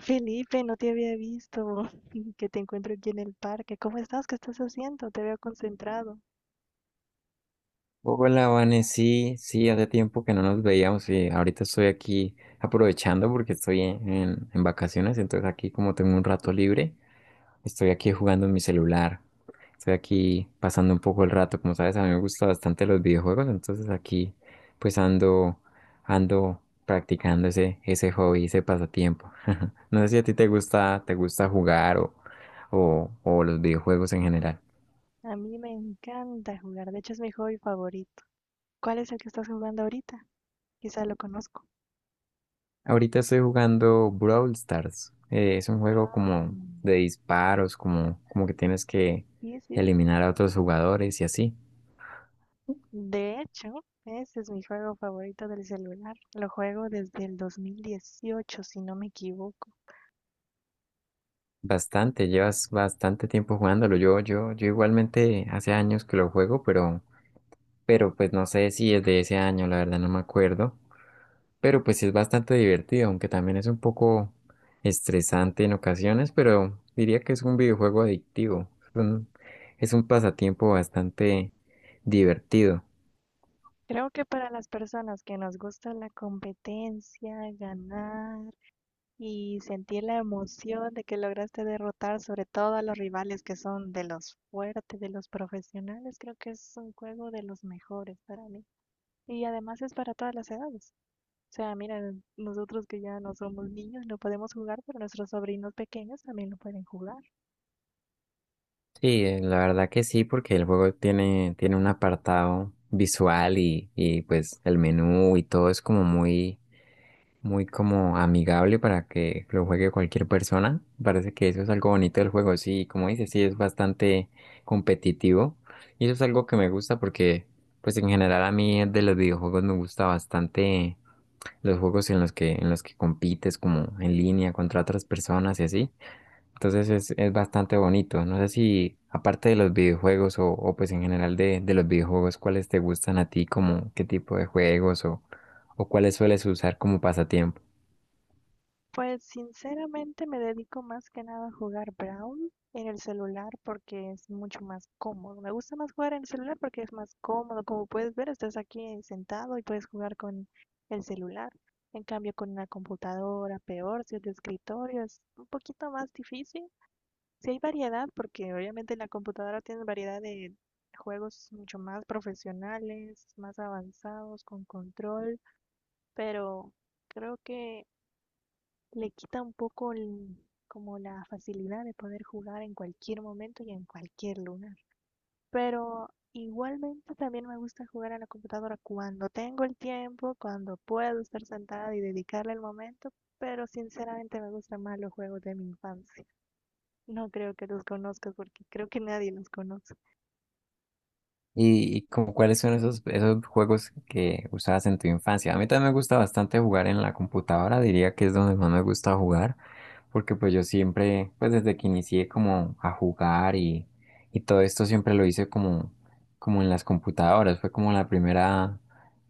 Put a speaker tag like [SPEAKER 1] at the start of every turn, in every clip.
[SPEAKER 1] Felipe, no te había visto que te encuentro aquí en el parque. ¿Cómo estás? ¿Qué estás haciendo? Te veo concentrado.
[SPEAKER 2] Hola, Vane, sí, sí, hace tiempo que no nos veíamos y ahorita estoy aquí aprovechando porque estoy en vacaciones, entonces aquí como tengo un rato libre, estoy aquí jugando en mi celular, estoy aquí pasando un poco el rato, como sabes, a mí me gustan bastante los videojuegos, entonces aquí pues ando, ando practicando ese hobby, ese pasatiempo. No sé si a ti te gusta jugar o los videojuegos en general.
[SPEAKER 1] A mí me encanta jugar, de hecho es mi hobby favorito. ¿Cuál es el que estás jugando ahorita? Quizá lo conozco.
[SPEAKER 2] Ahorita estoy jugando Brawl Stars. Es un juego
[SPEAKER 1] Ah,
[SPEAKER 2] como de disparos, como que tienes que
[SPEAKER 1] sí, sí.
[SPEAKER 2] eliminar a otros jugadores y así.
[SPEAKER 1] De hecho, ese es mi juego favorito del celular. Lo juego desde el 2018, si no me equivoco.
[SPEAKER 2] Bastante, llevas bastante tiempo jugándolo. Yo igualmente hace años que lo juego, pues no sé si es de ese año, la verdad no me acuerdo. Pero pues sí es bastante divertido, aunque también es un poco estresante en ocasiones, pero diría que es un videojuego adictivo. Es un pasatiempo bastante divertido.
[SPEAKER 1] Creo que para las personas que nos gusta la competencia, ganar, y sentí la emoción de que lograste derrotar sobre todo a los rivales que son de los fuertes, de los profesionales. Creo que es un juego de los mejores para mí. Y además es para todas las edades. O sea, mira, nosotros que ya no somos niños no podemos jugar, pero nuestros sobrinos pequeños también lo pueden jugar.
[SPEAKER 2] Sí, la verdad que sí, porque el juego tiene un apartado visual y pues el menú y todo es como muy como amigable para que lo juegue cualquier persona. Parece que eso es algo bonito del juego, sí, como dices, sí, es bastante competitivo. Y eso es algo que me gusta porque, pues en general a mí de los videojuegos me gusta bastante los juegos en los que compites como en línea contra otras personas y así. Entonces es bastante bonito. No sé si, aparte de los videojuegos o pues en general de los videojuegos, ¿cuáles te gustan a ti? ¿Como qué tipo de juegos o cuáles sueles usar como pasatiempo?
[SPEAKER 1] Pues sinceramente me dedico más que nada a jugar Brawl en el celular porque es mucho más cómodo. Me gusta más jugar en el celular porque es más cómodo. Como puedes ver, estás aquí sentado y puedes jugar con el celular. En cambio, con una computadora, peor, si es de escritorio, es un poquito más difícil. Si hay variedad, porque obviamente en la computadora tienes variedad de juegos mucho más profesionales, más avanzados, con control, pero creo que le quita un poco el- como la facilidad de poder jugar en cualquier momento y en cualquier lugar. Pero igualmente también me gusta jugar a la computadora cuando tengo el tiempo, cuando puedo estar sentada y dedicarle el momento, pero sinceramente me gustan más los juegos de mi infancia. No creo que los conozcas porque creo que nadie los conoce.
[SPEAKER 2] Y como cuáles son esos juegos que usabas en tu infancia? A mí también me gusta bastante jugar en la computadora, diría que es donde más me gusta jugar, porque pues yo siempre, pues desde que inicié como a jugar y todo esto siempre lo hice como, como en las computadoras, fue como la primera,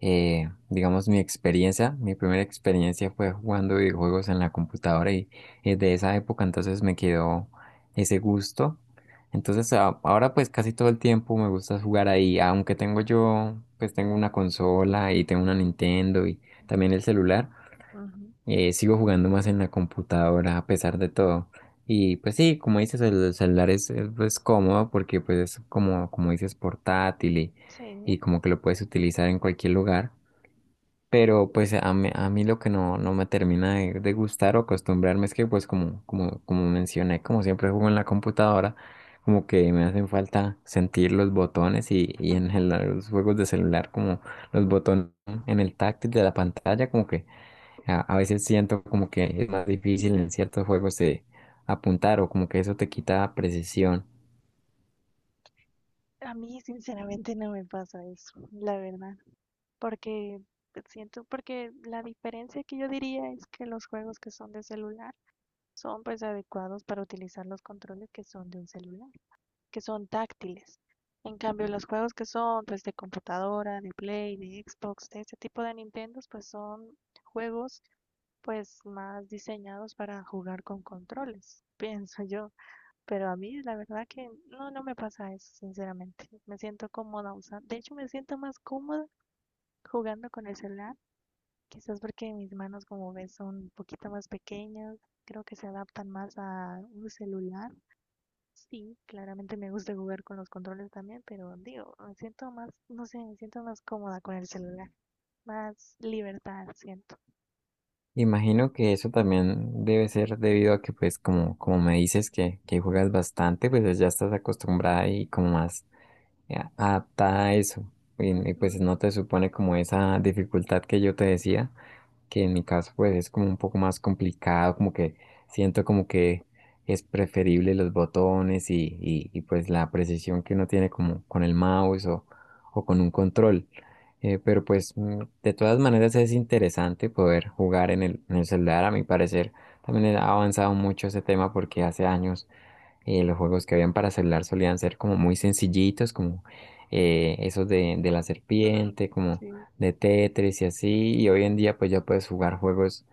[SPEAKER 2] digamos, mi experiencia, mi primera experiencia fue jugando videojuegos en la computadora y, es de esa época entonces me quedó ese gusto. Entonces ahora pues casi todo el tiempo me gusta jugar ahí, aunque tengo yo, pues tengo una consola y tengo una
[SPEAKER 1] Mm,
[SPEAKER 2] Nintendo y también el celular,
[SPEAKER 1] ujú.
[SPEAKER 2] sigo jugando más en la computadora a pesar de todo. Y pues sí, como dices, el celular es pues, cómodo porque pues es como, como dices, portátil
[SPEAKER 1] Sí.
[SPEAKER 2] y como que lo puedes utilizar en cualquier lugar. Pero pues a mí lo que no me termina de gustar o acostumbrarme es que pues como, como mencioné, como siempre juego en la computadora, como que me hacen falta sentir los botones y en los juegos de celular como los botones en el táctil de la pantalla, como que a veces siento como que es más difícil en ciertos juegos de apuntar o como que eso te quita precisión.
[SPEAKER 1] A mí sinceramente no me pasa eso, la verdad. Porque siento, porque la diferencia que yo diría es que los juegos que son de celular son pues adecuados para utilizar los controles que son de un celular, que son táctiles. En cambio, los juegos que son pues de computadora, de Play, de Xbox, de ese tipo de Nintendo, pues son juegos pues más diseñados para jugar con controles, pienso yo. Pero a mí la verdad que no me pasa eso, sinceramente. Me siento cómoda usando, de hecho me siento más cómoda jugando con el celular. Quizás porque mis manos, como ves, son un poquito más pequeñas, creo que se adaptan más a un celular. Sí, claramente me gusta jugar con los controles también, pero digo, me siento más, no sé, me siento más cómoda con el celular, más libertad siento.
[SPEAKER 2] Imagino que eso también debe ser debido a que, pues, como, como me dices que juegas bastante, pues ya estás acostumbrada y como más adaptada a eso. Y
[SPEAKER 1] Ujú.
[SPEAKER 2] pues no te supone como esa dificultad que yo te decía que en mi caso pues es como un poco más complicado, como que siento como que es preferible los botones y pues la precisión que uno tiene como con el mouse o con un control. Pero pues de todas maneras es interesante poder jugar en el celular, a mi parecer. También ha avanzado mucho ese tema porque hace años los juegos que habían para celular solían ser como muy sencillitos, como esos de la
[SPEAKER 1] ujú.
[SPEAKER 2] serpiente, como
[SPEAKER 1] Sí.
[SPEAKER 2] de Tetris y así, y hoy en día pues ya puedes jugar juegos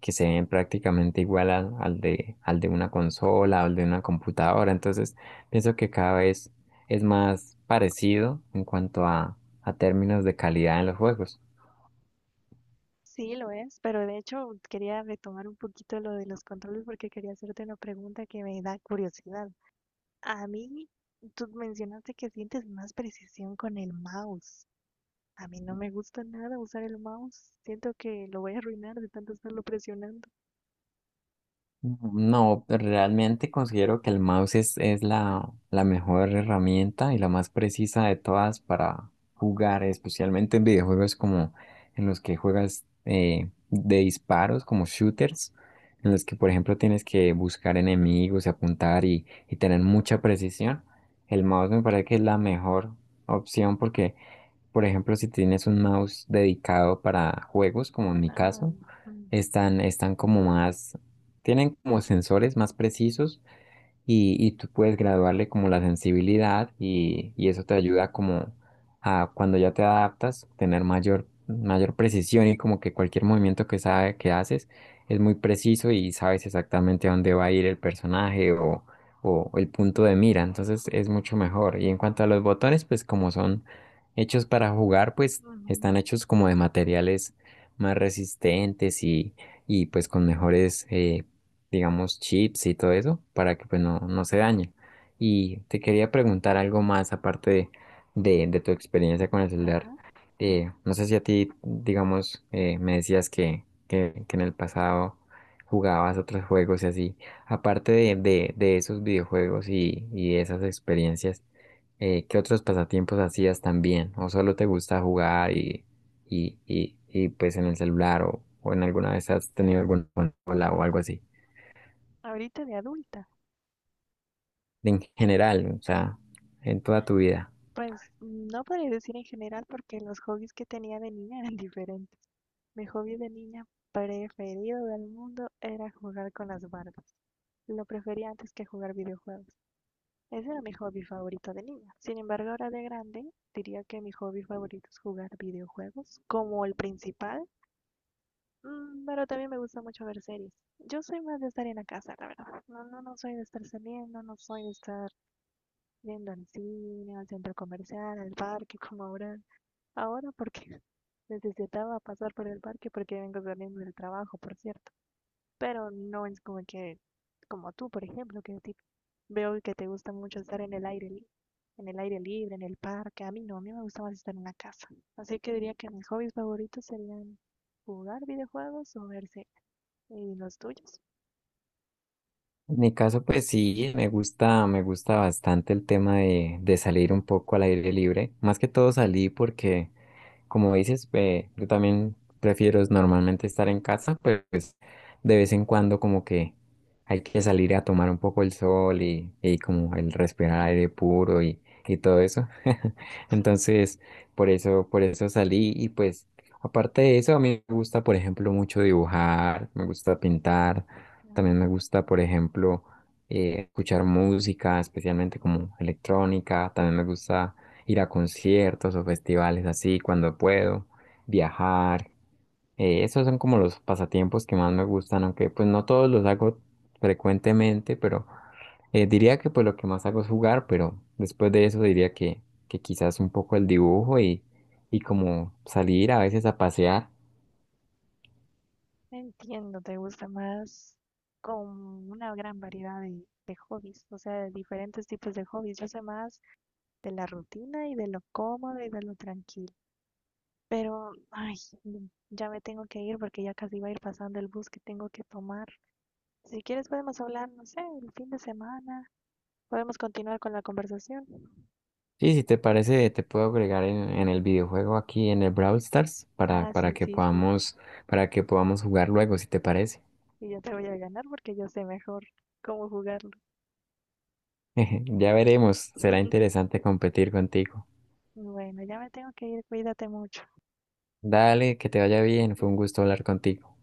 [SPEAKER 2] que se ven prácticamente igual al de una consola o al de una computadora, entonces pienso que cada vez es más parecido en cuanto a términos de calidad en los juegos.
[SPEAKER 1] Sí, lo es, pero de hecho quería retomar un poquito lo de los controles porque quería hacerte una pregunta que me da curiosidad. A mí, tú mencionaste que sientes más precisión con el mouse. A mí no me gusta nada usar el mouse. Siento que lo voy a arruinar de tanto estarlo presionando.
[SPEAKER 2] No, realmente considero que el mouse es la mejor herramienta y la más precisa de todas para jugar, especialmente en videojuegos como en los que juegas de disparos, como shooters, en los que, por ejemplo, tienes que buscar enemigos y apuntar y tener mucha precisión. El mouse me parece que es la mejor opción porque por ejemplo, si tienes un mouse dedicado para juegos, como en mi
[SPEAKER 1] Ah,
[SPEAKER 2] caso,
[SPEAKER 1] mm,
[SPEAKER 2] están como más, tienen como sensores más precisos y tú puedes graduarle como la sensibilidad y eso te ayuda como a cuando ya te adaptas, tener mayor precisión y como que cualquier movimiento que sabe que haces es muy preciso y sabes exactamente a dónde va a ir el personaje o el punto de mira, entonces es mucho mejor. Y en cuanto a los botones, pues como son hechos para jugar, pues
[SPEAKER 1] ujú,
[SPEAKER 2] están hechos como de materiales más resistentes y pues con mejores digamos, chips y todo eso, para que pues no se dañe. Y te quería preguntar algo más aparte de tu experiencia con el celular.
[SPEAKER 1] ajá.
[SPEAKER 2] No sé si a ti, digamos, me decías que en el pasado jugabas otros juegos y así. Aparte de esos videojuegos y esas experiencias, ¿qué otros pasatiempos hacías también? ¿O solo te gusta jugar y pues en el celular o en alguna vez has tenido alguna consola o algo así?
[SPEAKER 1] Ahorita de adulta.
[SPEAKER 2] En general, o sea, en toda tu vida.
[SPEAKER 1] Pues no podría decir en general porque los hobbies que tenía de niña eran diferentes. Mi hobby de niña preferido del mundo era jugar con las Barbies. Lo prefería antes que jugar videojuegos. Ese era mi hobby favorito de niña. Sin embargo, ahora de grande, diría que mi hobby favorito es jugar videojuegos como el principal. Mm. Pero también me gusta mucho ver series. Yo soy más de estar en la casa, la verdad. No, no, no soy de estar saliendo, no soy de estar yendo al cine, al centro comercial, al parque, como ahora. Ahora porque necesitaba pasar por el parque porque vengo saliendo del trabajo, por cierto. Pero no es como que, como tú, por ejemplo, que a ti veo que te gusta mucho estar en el aire, li- en el aire libre, en el parque. A mí no, a mí me gusta más estar en la casa. Así que diría que mis hobbies favoritos serían jugar videojuegos o ver series. ¿Y los tuyos?
[SPEAKER 2] En mi caso, pues sí, me gusta bastante el tema de salir un poco al aire libre. Más que todo salí porque como dices, yo también prefiero es normalmente estar en casa, pero pues de vez en cuando como que hay que salir a tomar un poco el sol y como el respirar aire puro y todo eso. Entonces, por eso salí y pues aparte de eso, a mí me gusta, por ejemplo, mucho dibujar, me gusta pintar, también
[SPEAKER 1] Mm.
[SPEAKER 2] me gusta, por ejemplo, escuchar música, especialmente como electrónica, también me gusta ir a conciertos o festivales así cuando puedo, viajar. Esos son como los pasatiempos que más me gustan, aunque pues no todos los hago frecuentemente, pero diría que pues lo que más hago es jugar, pero después de eso diría que quizás un poco el dibujo y como salir a veces a pasear.
[SPEAKER 1] Entiendo, te gusta más, con una gran variedad de hobbies, o sea, de diferentes tipos de hobbies. Yo sé más de la rutina y de lo cómodo y de lo tranquilo. Pero, ay, ya me tengo que ir porque ya casi va a ir pasando el bus que tengo que tomar. Si quieres podemos hablar, no sé, el fin de semana. Podemos continuar con la conversación.
[SPEAKER 2] Sí, si te parece, te puedo agregar en el videojuego aquí en el Brawl Stars
[SPEAKER 1] Ah, sí, sí, sí.
[SPEAKER 2] para que podamos jugar luego, si te parece.
[SPEAKER 1] Y yo te voy a ganar porque yo sé mejor cómo jugarlo.
[SPEAKER 2] Ya veremos, será interesante competir contigo.
[SPEAKER 1] Bueno, ya me tengo que ir. Cuídate mucho.
[SPEAKER 2] Dale, que te vaya bien, fue un gusto hablar contigo.